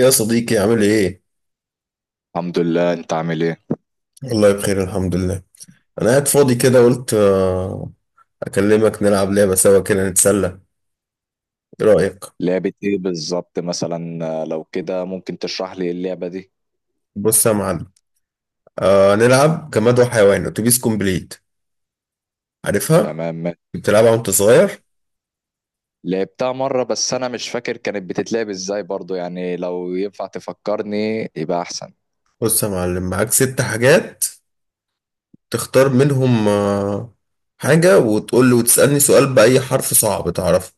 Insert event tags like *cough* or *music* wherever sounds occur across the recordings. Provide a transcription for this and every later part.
يا صديقي عامل ايه؟ الحمد لله، انت عامل ايه؟ والله بخير الحمد لله. انا قاعد فاضي كده قلت اكلمك نلعب لعبة سوا كده نتسلى. ايه رأيك؟ لعبة ايه بالظبط مثلا لو كده ممكن تشرح لي اللعبة دي؟ بص يا معلم. نلعب جماد وحيوان اتوبيس كومبليت. عارفها؟ تمام. بتلعبها وانت صغير؟ لعبتها مرة بس انا مش فاكر كانت بتتلعب ازاي برضو، يعني لو ينفع تفكرني يبقى احسن. بص يا معلم، معاك ست حاجات تختار منهم حاجة، وتقول لي وتسألني سؤال بأي حرف صعب تعرفه.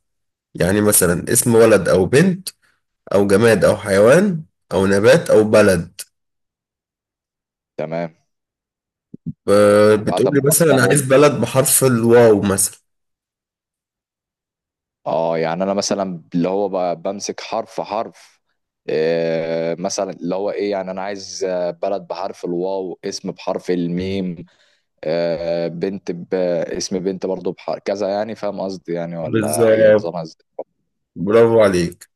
يعني مثلا اسم ولد او بنت، او جماد او حيوان، او نبات او بلد. تمام، وبعد ما بتقولي مثلا: انا عايز بختارهم بلد بحرف الواو مثلا. اه يعني انا مثلا اللي هو بمسك حرف حرف. مثلا اللي هو ايه، يعني انا عايز بلد بحرف الواو، اسم بحرف الميم. بنت اسم بنت برضو بحرف كذا، يعني فاهم قصدي؟ يعني ولا هي بالظبط، نظامها ازاي؟ برافو عليك.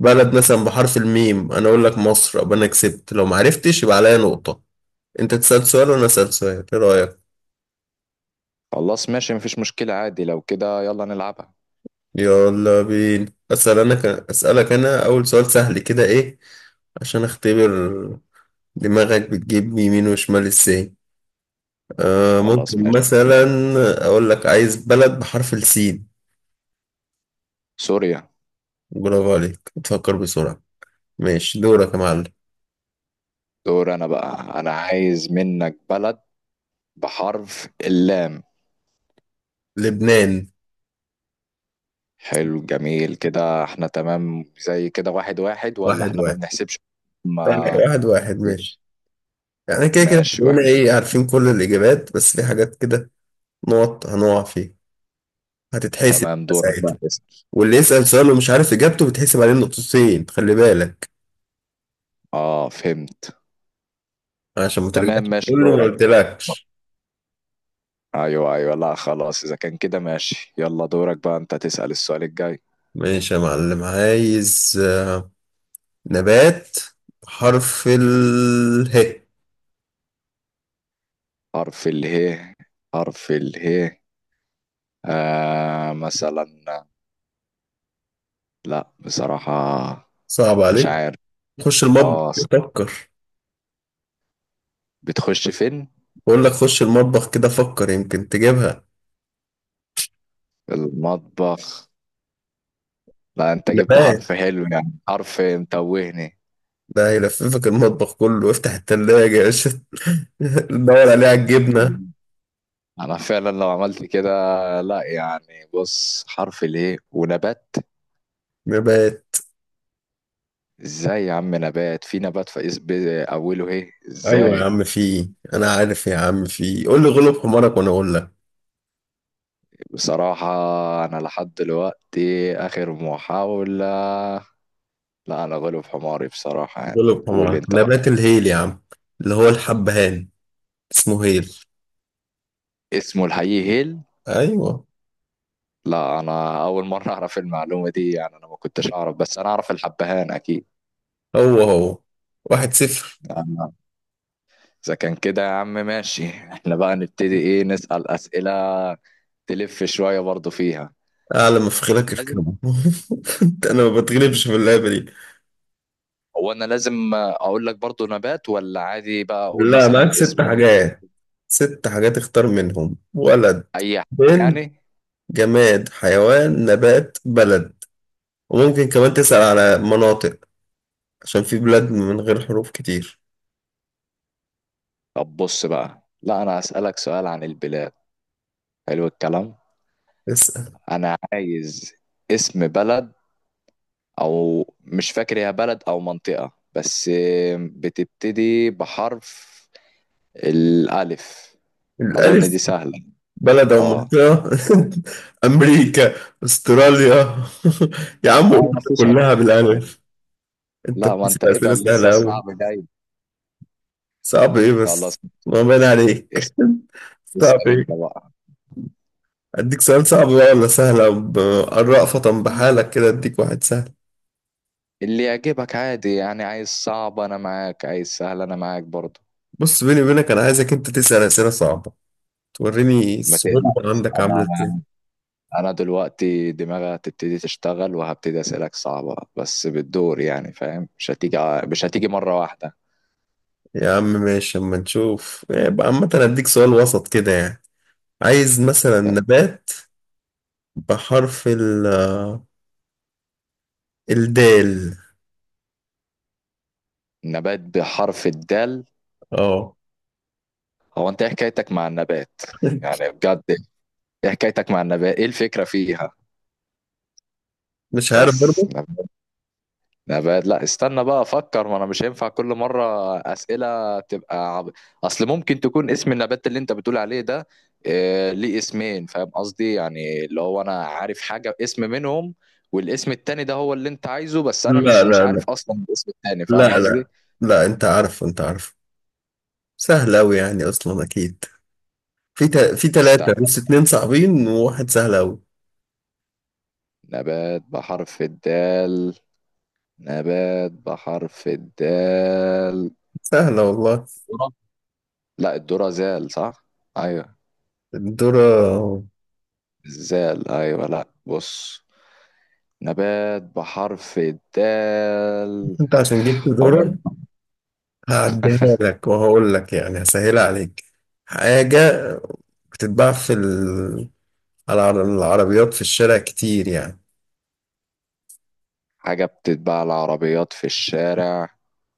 بلد مثلا بحرف الميم، انا اقول لك مصر ابقى انا كسبت، لو ما عرفتش يبقى عليا نقطة. انت تسأل سؤال وانا اسأل سؤال، ايه رأيك؟ خلاص، ماشي، مفيش مشكلة، عادي لو كده يلا نلعبها. يلا بينا. اسأل انا اسألك انا اول سؤال سهل كده، ايه عشان اختبر دماغك بتجيب يمين وشمال ازاي. خلاص ممكن ماشي. مثلا اقول لك: عايز بلد بحرف السين. سوريا. برافو عليك، تفكر بسرعة. ماشي دورك يا معلم. دور أنا بقى، أنا عايز منك بلد بحرف اللام. لبنان. حلو، جميل. كده احنا تمام؟ زي كده واحد واحد ولا واحد احنا ما واحد. بنحسبش؟ طيب، ما. واحد واحد ماشي. يعني كده كده ماشي هتلاقينا واحد. ايه، عارفين كل الإجابات، بس في حاجات كده نقط هنقع فيها، هتتحسب تمام، دورك بقى، ساعتها. اسأل. واللي يسأل سؤال ومش عارف إجابته بتحسب عليه نقطتين، خلي بالك، اه، فهمت. عشان ما ترجعش تمام ماشي تقول لي ما دورك. قلتلكش. ايوه ايوه، لا خلاص، اذا كان كده ماشي يلا دورك بقى انت تسأل السؤال الجاي. ماشي يا معلم، عايز نبات حرف اله. حرف اله. حرف اله. مثلا. لا، بصراحة صعب مش عليك. عارف. خش المطبخ. اه، فكر. بتخش فين؟ بقول لك خش المطبخ كده، فكر يمكن تجيبها. في المطبخ؟ لا انت جبت نبات حرف حلو، يعني حرف متوهني. ده هيلففك المطبخ كله، افتح التلاجة يا باشا *laughs* ندور عليه على الجبنة. انا فعلا لو عملت كده. لا يعني بص، حرف ليه ونبات؟ نبات. ازاي يا عم؟ نبات، في نبات، في اوله ايه ايوه يا ازاي؟ عم في إيه؟ انا عارف يا عم في إيه. قول لي غلب حمارك وانا اقول لك. بصراحة انا لحد دلوقتي اخر محاولة. لا، انا غلب حماري بصراحة، يعني غلب قول حمارك انت بقى. نبات الهيل يا عم، اللي هو الحبهان، اسمه هيل. اسمه الحقيقي هيل؟ ايوه. لا، انا اول مره اعرف المعلومه دي، يعني انا ما كنتش اعرف، بس انا اعرف الحبهان اكيد. هو هو. 1-0. أنا- اذا كان كده يا عم ماشي *laughs* احنا بقى نبتدي ايه، نسال اسئله. تلف شويه برضو فيها. اعلى ما في خيرك لازم. اركبه. *laughs* انا ما بتغلبش في اللعبة دي. هو انا لازم اقول لك برضو نبات، ولا عادي بقى اقول لا، مثلا معاك ست اسمه؟ حاجات، ست حاجات، اختار منهم ولد، اي حاجه. بنت، يعني. جماد، حيوان، نبات، بلد. وممكن كمان تسأل على مناطق، عشان في بلاد من غير حروف كتير. طب بص بقى، لا انا هسالك سؤال عن البلاد. حلو الكلام. اسأل. انا عايز اسم بلد، او مش فاكر هي بلد او منطقة بس، بتبتدي بحرف الالف. اظن الألف. دي سهلة. بلد أو اه. منطقة. *laughs* أمريكا، أستراليا *laughs* يا عم اه، أوروبا مفيش كلها اكتر منها. بالألف. أنت لا، ما انت بتسأل أسئلة اتقل لسه، سهلة أوي. الصعب جاي. صعب إيه خلاص. بس، ما بين اس- عليك. صعب اسأل إيه؟ انت بقى. أديك سؤال صعب بقى ولا سهلة؟ الرأفة بحالك كده، أديك واحد سهل. اللي يعجبك عادي، يعني عايز صعب انا معاك، عايز سهل انا معاك برضو. بص بيني وبينك، أنا عايزك أنت تسأل أسئلة صعبة، توريني ما الصعوبة تقلقش عندك عاملة إزاي. انا دلوقتي دماغي هتبتدي تشتغل وهبتدي اسالك صعبة، بس بالدور يعني فاهم، مش هتيجي مرة واحدة. يا عم ماشي، أما نشوف إيه. يبقى عامة أديك سؤال وسط كده يعني. عايز مثلا نبات بحرف الدال. نبات بحرف الدال. اه، هو انت ايه حكايتك مع النبات، يعني بجد؟ ايه حكايتك مع النبات؟ ايه الفكرة فيها؟ مش عارف بس برضه. نبات. نبات. لا، استنى بقى افكر، ما انا مش هينفع كل مرة اسئلة تبقى اصل ممكن تكون اسم النبات اللي انت بتقول عليه ده اه ليه اسمين، فاهم قصدي؟ يعني اللي هو انا عارف حاجة اسم منهم، والاسم التاني ده هو اللي انت عايزه، بس انا لا مش لا لا، عارف اصلا الاسم التاني، لا فاهم لا، قصدي؟ لا انت عارف، انت عارف، سهل اوي يعني اصلا، اكيد. في تلاتة، استنى. بس اتنين صعبين وواحد سهل اوي. نبات بحرف الدال. نبات بحرف الدال. سهلة والله. ذرة. لا، الذرة زال، صح؟ ايوه. الذرة. الزال، ايوه. لا بص، نبات بحرف الدال. انت عشان جبت حوار. ذرة، هعديها لك وهقول لك، يعني هسهلها عليك. حاجة بتتباع على العربيات في الشارع كتير يعني. حاجة بتتباع العربيات في الشارع؟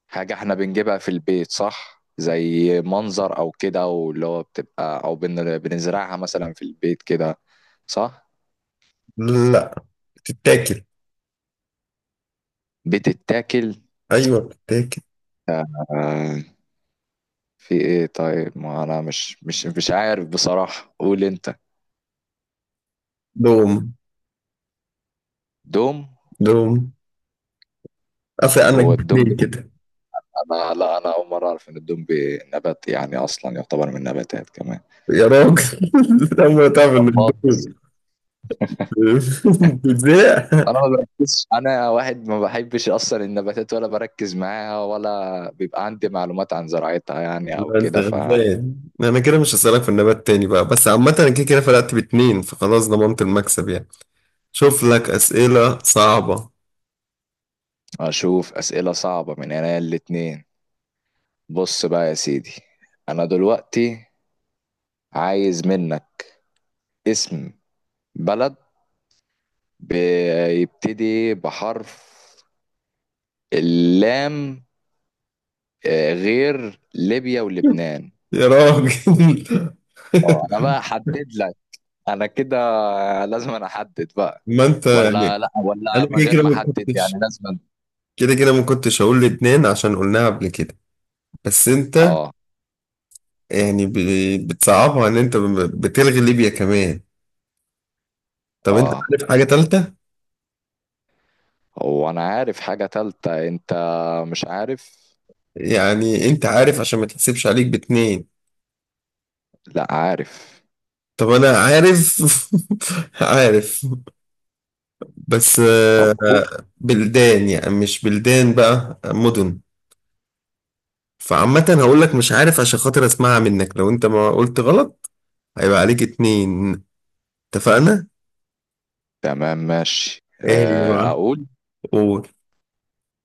حاجة احنا بنجيبها في البيت، صح؟ زي منظر او كده واللي هو بتبقى، او بنزرعها مثلا في البيت كده؟ صح. لا، بتتاكل. بتتاكل. ايوه بتاكل. آه. في ايه طيب؟ ما انا مش عارف بصراحة، قول انت. دوم. دوم. دوم. افي انا هو الدوم جبتين كده. لا، انا اول مره اعرف ان الدوم بي نبات، يعني اصلا يعتبر من النباتات كمان. يا راجل *laughs* لما تعمل والله الدوم بتزهق انا ما *laughs* بركزش، انا واحد ما بحبش اصلا النباتات ولا بركز معاها، ولا بيبقى عندي معلومات عن زراعتها يعني او لا انت كده. غلبان. انا كده مش هسألك في النبات تاني بقى، بس عامة انا كده كده فرقت باتنين، فخلاص ضمنت المكسب يعني. شوف لك اسئلة صعبة. فاشوف اسئله صعبه من هنا الاتنين. بص بقى يا سيدي، انا دلوقتي عايز منك اسم بلد بيبتدي بحرف اللام، غير ليبيا ولبنان. يا راجل *laughs* انا بقى احدد لك، انا كده لازم أنا احدد بقى، ما انت يعني. ولا لا، ولا انا من كده غير كده ما ما احدد؟ كنتش يعني لازم كده كده ما كنتش هقول لبنان عشان قلناها قبل كده. بس انت اه. يعني بتصعبها، ان انت بتلغي ليبيا كمان. طب انت اه. عارف حاجة تالتة؟ هو انا عارف حاجة تالتة، انت؟ مش عارف. يعني انت عارف، عشان ما تحسبش عليك باتنين. لا، عارف. طب انا عارف *laughs* عارف، بس طب قول. بلدان، يعني مش بلدان بقى، مدن. فعامة هقول لك مش عارف، عشان خاطر اسمعها منك، لو انت ما قلت غلط هيبقى عليك اتنين. اتفقنا؟ تمام ماشي، ايه هي بقى؟ اقول قول.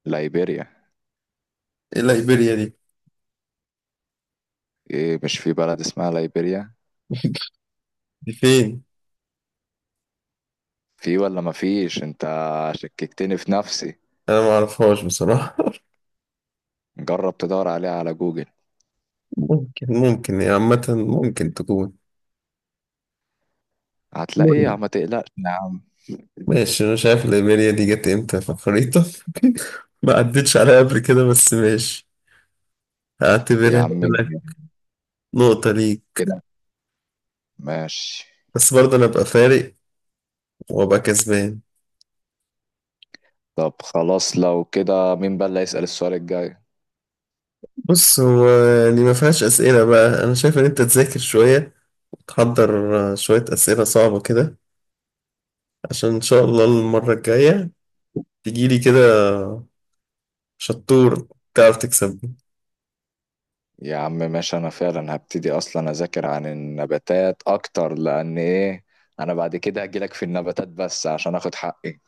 ليبيريا. ايه ليبيريا دي؟ ايه؟ مش في بلد اسمها ليبيريا؟ *laughs* دي فين؟ في ولا ما فيش؟ انت شككتني في نفسي. انا ما اعرفهاش بصراحة. جرب تدور عليها على جوجل، ممكن، يعني عامة، ممكن تكون، هتلاقيها مهم. ما تقلقش يا عم. ماشي، أنا شايف الإيميليا دي جت إمتى في الخريطة *laughs* ما عدتش عليها قبل كده، بس ماشي، يا هعتبرها عم لك نقطة ليك. كده ماشي. بس برضه أنا أبقى فارق وأبقى كسبان. طب خلاص لو كده مين بقى اللي هيسأل السؤال الجاي؟ بص هو يعني ما فيهاش أسئلة بقى. أنا شايف إن أنت تذاكر شوية، وتحضر شوية أسئلة صعبة كده، عشان إن شاء الله المرة الجاية تجيلي كده شطور، تعرف تكسبني. يا عم ماشي، انا فعلا هبتدي اصلا اذاكر عن النباتات اكتر، لان ايه، انا بعد كده هجيلك في النباتات بس عشان اخد حقي.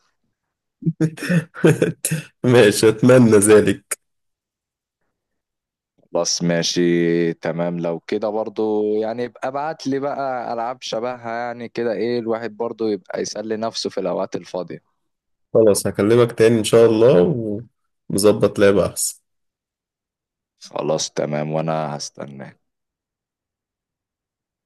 *laughs* ماشي، أتمنى ذلك. خلاص ماشي تمام، لو كده برضو يعني يبقى ابعت لي بقى العاب شبهها يعني كده، ايه الواحد برضو يبقى يسلي نفسه في الاوقات الفاضية. خلاص هكلمك تاني إن شاء الله، ونظبط لعبة أحسن. خلاص تمام، وانا هستناك.